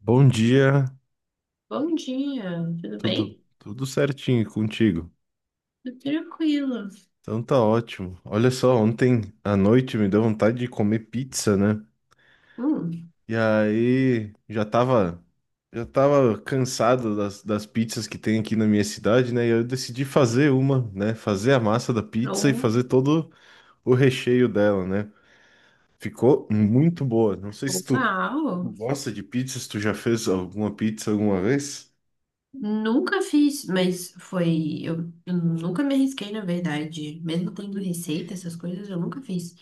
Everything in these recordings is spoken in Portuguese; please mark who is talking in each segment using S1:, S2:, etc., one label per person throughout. S1: Bom dia,
S2: Bom dia, tudo
S1: tudo
S2: bem?
S1: tudo certinho contigo.
S2: Tudo tranquilo.
S1: Então tá ótimo. Olha só, ontem à noite me deu vontade de comer pizza, né?
S2: Hum,
S1: E aí já tava cansado das pizzas que tem aqui na minha cidade, né? E eu decidi fazer uma, né? Fazer a massa da pizza e
S2: ou,
S1: fazer todo o recheio dela, né? Ficou muito boa. Não sei se tu
S2: uau,
S1: gosta de pizzas, tu já fez alguma pizza alguma vez?
S2: nunca fiz, mas foi, eu nunca me arrisquei, na verdade. Mesmo tendo receita, essas coisas, eu nunca fiz.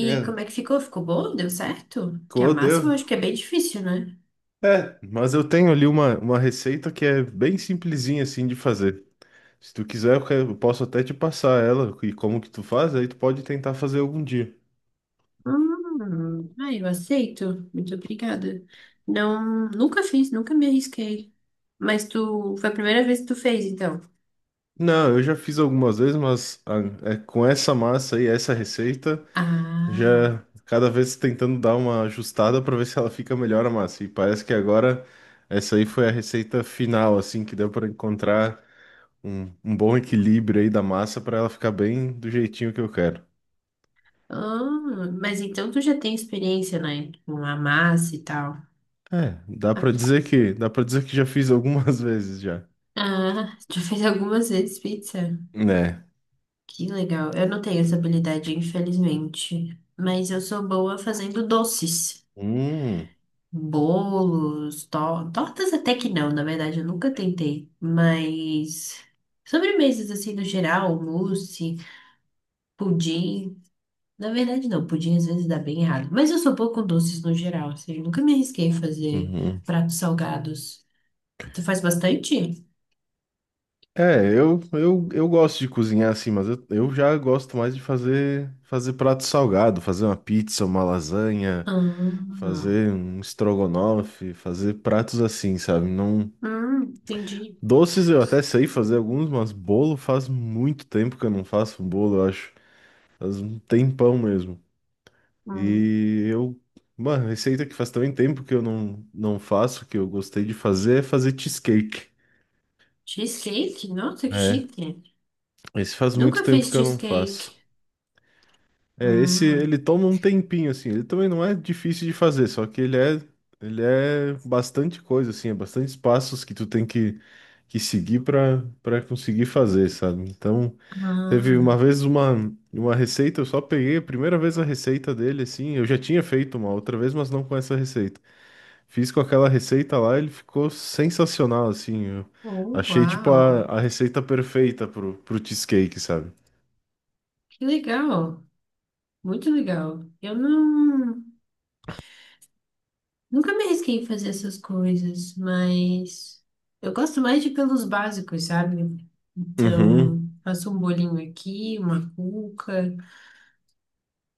S2: E
S1: É.
S2: como é que ficou? Ficou bom? Deu certo? Que a
S1: Ficou,
S2: massa eu
S1: deu.
S2: acho que é bem difícil, né?
S1: É, mas eu tenho ali uma receita que é bem simplesinha assim de fazer. Se tu quiser, eu posso até te passar ela e como que tu faz, aí tu pode tentar fazer algum dia.
S2: Ah, eu aceito. Muito obrigada. Não, nunca fiz, nunca me arrisquei. Mas tu, foi a primeira vez que tu fez, então?
S1: Não, eu já fiz algumas vezes, mas é, com essa massa aí, essa receita,
S2: Ah.
S1: já cada vez tentando dar uma ajustada para ver se ela fica melhor a massa. E parece que agora essa aí foi a receita final, assim, que deu para encontrar um bom equilíbrio aí da massa para ela ficar bem do jeitinho que eu quero.
S2: Ah, mas então tu já tem experiência, né? Com a massa e tal.
S1: É,
S2: Ah,
S1: dá para dizer que já fiz algumas vezes já.
S2: já fez algumas vezes pizza.
S1: Né?
S2: Que legal. Eu não tenho essa habilidade, infelizmente. Mas eu sou boa fazendo doces.
S1: Hum,
S2: Bolos, tortas até que não, na verdade, eu nunca tentei. Mas sobremesas assim no geral, mousse, pudim. Na verdade, não, pudim às vezes dá bem errado. Mas eu sou boa com doces no geral, assim, eu nunca me arrisquei a fazer
S1: uhum.
S2: pratos salgados. Você faz bastante?
S1: É, eu gosto de cozinhar assim, mas eu já gosto mais de fazer prato salgado, fazer uma pizza, uma lasanha,
S2: Ah,
S1: fazer um estrogonofe, fazer pratos assim, sabe? Não,
S2: entendi.
S1: doces eu até sei fazer alguns, mas bolo faz muito tempo que eu não faço um bolo, eu acho. Faz um tempão mesmo.
S2: Hum.
S1: E eu, uma receita que faz também tempo que eu não faço, que eu gostei de fazer, é fazer cheesecake,
S2: Cheesecake? Nossa, que
S1: né?
S2: chique.
S1: Esse faz muito
S2: Nunca
S1: tempo
S2: fiz
S1: que eu não
S2: cheesecake.
S1: faço. É, esse
S2: Hum.
S1: ele toma um tempinho assim, ele também não é difícil de fazer, só que ele é bastante coisa assim, é bastante passos que tu tem que seguir para conseguir fazer, sabe? Então, teve
S2: Ah,
S1: uma vez uma receita, eu só peguei a primeira vez a receita dele assim, eu já tinha feito uma outra vez, mas não com essa receita. Fiz com aquela receita lá, ele ficou sensacional, assim. Eu
S2: oh,
S1: achei, tipo,
S2: uau.
S1: a receita perfeita pro cheesecake, sabe?
S2: Que legal. Muito legal. Eu não, nunca me arrisquei em fazer essas coisas, mas eu gosto mais de pelos básicos, sabe? Então,
S1: Uhum.
S2: faço um bolinho aqui, uma cuca.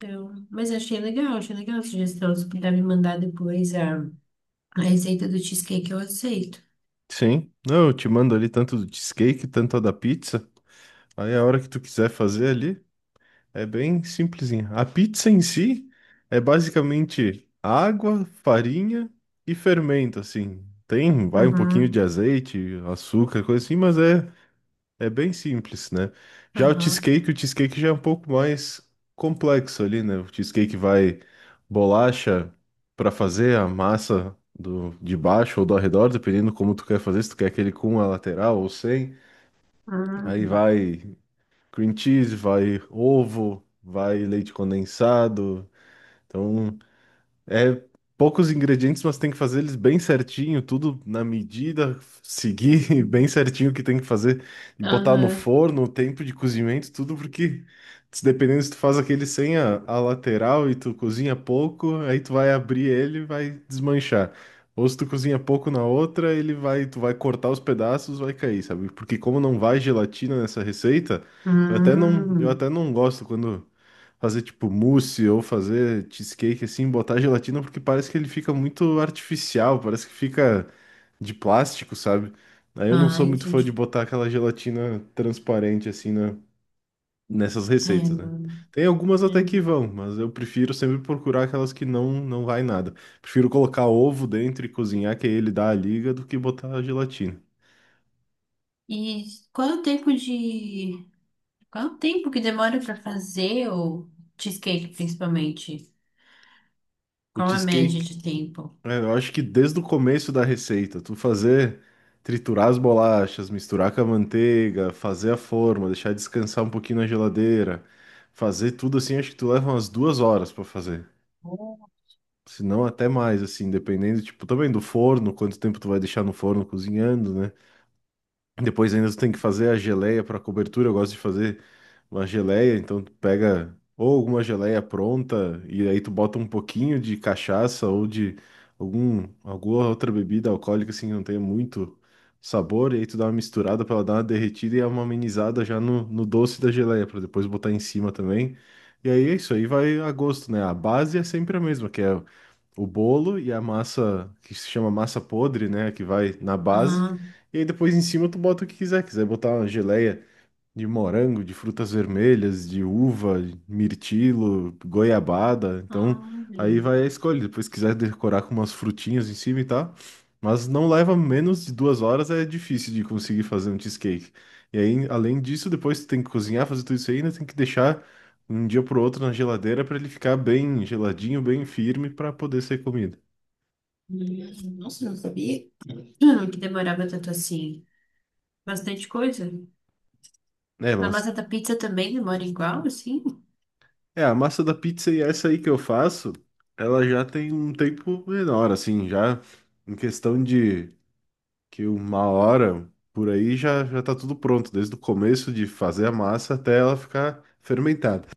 S2: Então, mas achei legal a sugestão. Se puder me mandar depois a receita do cheesecake eu aceito.
S1: Sim. Não, eu te mando ali tanto do cheesecake, tanto a da pizza. Aí a hora que tu quiser fazer ali, é bem simplesinha. A pizza em si é basicamente água, farinha e fermento, assim. Tem, vai um pouquinho de
S2: Uhum,
S1: azeite, açúcar, coisa assim, mas é bem simples, né? Já
S2: aham,
S1: o cheesecake já é um pouco mais complexo ali, né? O cheesecake vai bolacha para fazer a massa do de baixo ou do arredor, dependendo como tu quer fazer, se tu quer aquele com a lateral ou sem. Aí
S2: uhum,
S1: vai cream cheese, vai ovo, vai leite condensado. Então é poucos ingredientes, mas tem que fazer eles bem certinho, tudo na medida, seguir bem certinho o que tem que fazer e botar no
S2: aham,
S1: forno, o tempo de cozimento, tudo porque se dependendo se tu faz aquele sem a lateral e tu cozinha pouco, aí tu vai abrir ele e vai desmanchar. Ou se tu cozinha pouco na outra, ele vai, tu vai cortar os pedaços, vai cair, sabe? Porque como não vai gelatina nessa receita, eu
S2: uhum.
S1: até não gosto quando fazer tipo mousse ou fazer cheesecake assim, botar gelatina, porque parece que ele fica muito artificial, parece que fica de plástico, sabe? Aí eu não
S2: Ah,
S1: sou muito fã de
S2: entendi.
S1: botar aquela gelatina transparente assim nessas
S2: É,
S1: receitas, né?
S2: não-
S1: Tem algumas até que
S2: não-
S1: vão, mas eu prefiro sempre procurar aquelas que não vai nada. Prefiro colocar ovo dentro e cozinhar, que aí ele dá a liga, do que botar a gelatina.
S2: E qual é o tempo de... Qual é o tempo que demora para fazer o cheesecake, principalmente?
S1: O
S2: Qual é a média
S1: cheesecake.
S2: de tempo?
S1: É, eu acho que desde o começo da receita, tu fazer, triturar as bolachas, misturar com a manteiga, fazer a forma, deixar descansar um pouquinho na geladeira, fazer tudo assim, acho que tu leva umas 2 horas pra fazer. Se não, até mais, assim, dependendo, tipo, também do forno, quanto tempo tu vai deixar no forno cozinhando, né? Depois ainda tu tem que fazer a geleia para cobertura. Eu gosto de fazer uma geleia, então tu pega ou alguma geleia pronta e aí tu bota um pouquinho de cachaça ou de alguma outra bebida alcoólica assim que não tenha muito sabor, e aí tu dá uma misturada para ela dar uma derretida e é uma amenizada já no doce da geleia para depois botar em cima também. E aí é isso aí vai a gosto, né? A base é sempre a mesma, que é o bolo e a massa que se chama massa podre, né? Que vai na base.
S2: Ah,
S1: E aí depois em cima tu bota o que quiser. Quiser botar uma geleia de morango, de frutas vermelhas, de uva, mirtilo, goiabada. Então, aí vai
S2: olha.
S1: a escolha. Depois, se quiser decorar com umas frutinhas em cima e tal. Mas não leva menos de 2 horas, é difícil de conseguir fazer um cheesecake. E aí, além disso, depois tu tem que cozinhar, fazer tudo isso aí, ainda tem que deixar um dia pro outro na geladeira para ele ficar bem geladinho, bem firme para poder ser comido.
S2: Nossa, não sabia. Que demorava tanto assim. Bastante coisa.
S1: É,
S2: Na massa
S1: mas
S2: da pizza também demora igual, assim?
S1: É, a massa da pizza e essa aí que eu faço, ela já tem um tempo menor, assim, já em questão de que 1 hora por aí já, já tá tudo pronto, desde o começo de fazer a massa até ela ficar fermentada.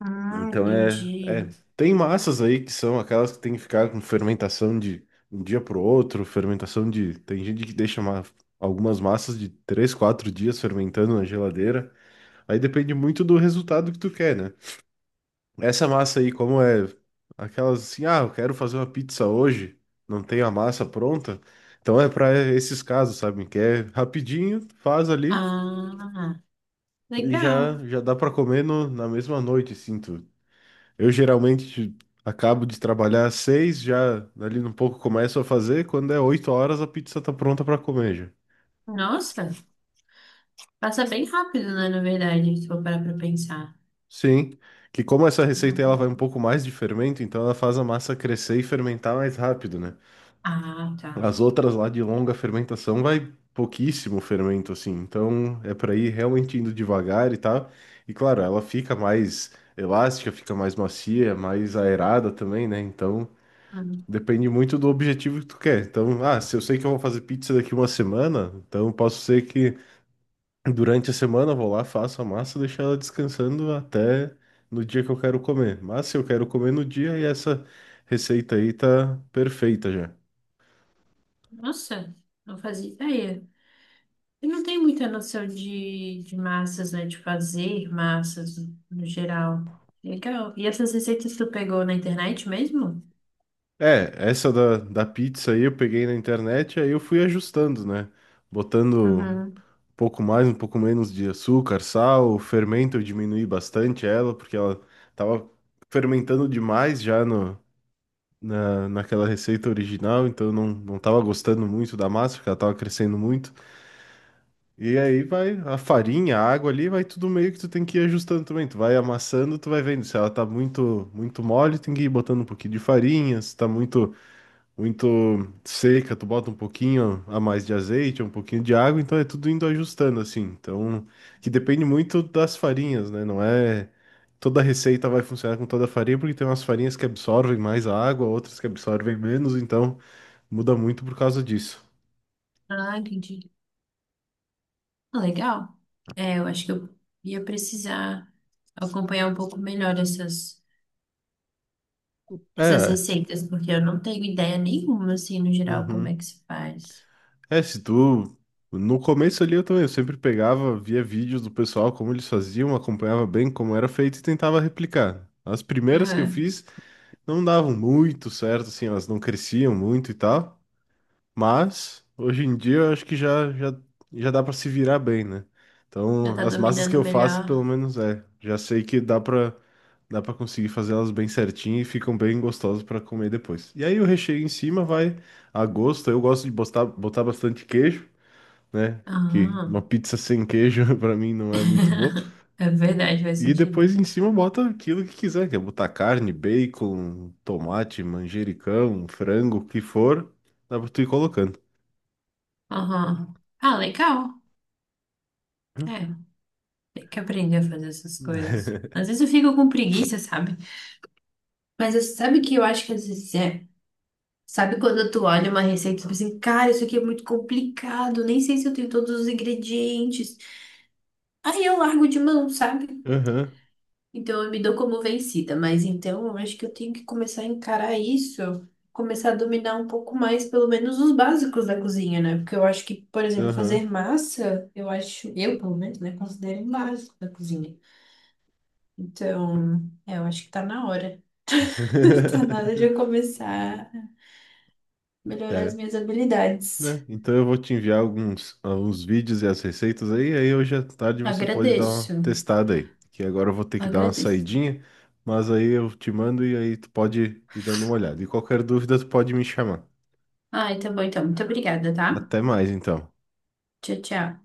S2: Ah,
S1: Então
S2: entendi.
S1: tem massas aí que são aquelas que tem que ficar com fermentação de um dia pro outro, fermentação de, tem gente que deixa algumas massas de 3, 4 dias fermentando na geladeira. Aí depende muito do resultado que tu quer, né? Essa massa aí, como é aquelas assim, ah, eu quero fazer uma pizza hoje, não tenho a massa pronta. Então é para esses casos, sabe? Que é rapidinho, faz ali
S2: Ah,
S1: e já
S2: legal.
S1: já dá para comer na mesma noite, sinto. Eu geralmente acabo de trabalhar às 6h, já ali um pouco começo a fazer, quando é 8 horas a pizza tá pronta para comer já.
S2: Nossa, passa bem rápido, né, na verdade, se for parar pra pensar.
S1: Sim, que como essa receita ela vai um
S2: Rapidinho.
S1: pouco mais de fermento, então ela faz a massa crescer e fermentar mais rápido, né?
S2: Ah, tá.
S1: As outras lá de longa fermentação vai pouquíssimo fermento, assim. Então é para ir realmente indo devagar e tal. E claro, ela fica mais elástica, fica mais macia, mais aerada também, né? Então
S2: Ah,
S1: depende muito do objetivo que tu quer. Então, ah, se eu sei que eu vou fazer pizza daqui uma semana, então posso ser que durante a semana eu vou lá, faço a massa, deixo ela descansando até no dia que eu quero comer. Mas se eu quero comer no dia, e essa receita aí tá perfeita já.
S2: nossa, não fazia ideia. Eu não tenho muita noção de massas, né, de fazer massas no geral. Legal. E essas receitas tu pegou na internet mesmo?
S1: É, essa da pizza aí eu peguei na internet, aí eu fui ajustando, né? Botando um
S2: Uhum.
S1: pouco mais, um pouco menos de açúcar, sal, o fermento eu diminuí bastante ela, porque ela tava fermentando demais já no, na, naquela receita original, então eu não tava gostando muito da massa, porque ela tava crescendo muito. E aí vai a farinha, a água ali, vai tudo meio que tu tem que ir ajustando também. Tu vai amassando, tu vai vendo se ela tá muito mole, tem que ir botando um pouquinho de farinha, se tá muito seca, tu bota um pouquinho a mais de azeite, um pouquinho de água, então é tudo indo ajustando assim. Então, que depende muito das farinhas, né? Não é toda receita vai funcionar com toda a farinha, porque tem umas farinhas que absorvem mais a água, outras que absorvem menos, então muda muito por causa disso.
S2: Ah, entendi. Ah, legal. É, eu acho que eu ia precisar acompanhar um pouco melhor essas
S1: É,
S2: receitas, porque eu não tenho ideia nenhuma, assim, no geral, como
S1: uhum.
S2: é que se faz.
S1: É, se tu No começo ali eu também, eu sempre pegava, via vídeos do pessoal, como eles faziam, acompanhava bem como era feito e tentava replicar. As primeiras que eu
S2: Aham.
S1: fiz, não davam muito certo, assim, elas não cresciam muito e tal, mas hoje em dia eu acho que já dá para se virar bem, né?
S2: Já
S1: Então,
S2: tá
S1: as massas que
S2: dominando
S1: eu faço,
S2: melhor.
S1: pelo menos é, já sei que dá para conseguir fazer elas bem certinho e ficam bem gostosas para comer depois. E aí o recheio em cima vai a gosto. Eu gosto de botar bastante queijo, né? Que
S2: Ah,
S1: uma pizza sem queijo para mim não é muito boa.
S2: é verdade, faz
S1: E
S2: sentido.
S1: depois em cima bota aquilo que quiser, quer botar carne, bacon, tomate, manjericão, frango, o que for, dá pra tu ir colocando.
S2: Aham. Ah, legal. É, tem que aprender a fazer essas coisas. Às vezes eu fico com preguiça, sabe? Mas sabe que eu acho que às vezes é. Sabe quando tu olha uma receita e tu pensa, assim, cara, isso aqui é muito complicado, nem sei se eu tenho todos os ingredientes. Aí eu largo de mão, sabe?
S1: Aham,
S2: Então eu me dou como vencida, mas então eu acho que eu tenho que começar a encarar isso, começar a dominar um pouco mais, pelo menos, os básicos da cozinha, né? Porque eu acho que, por exemplo,
S1: aham.
S2: fazer massa, eu acho, eu pelo menos, né, considero um básico da cozinha. Então, é, eu acho que tá na hora. Tá na hora de eu começar a melhorar as
S1: É,
S2: minhas habilidades.
S1: né? Então eu vou te enviar alguns vídeos e as receitas aí, aí hoje à tarde você pode dar uma
S2: Agradeço,
S1: testada aí. Que agora eu vou ter que dar uma
S2: agradeço.
S1: saidinha, mas aí eu te mando e aí tu pode ir dando uma olhada. E qualquer dúvida tu pode me chamar.
S2: Ah, tá bom então. Muito obrigada, tá?
S1: Até mais então.
S2: Tchau, tchau.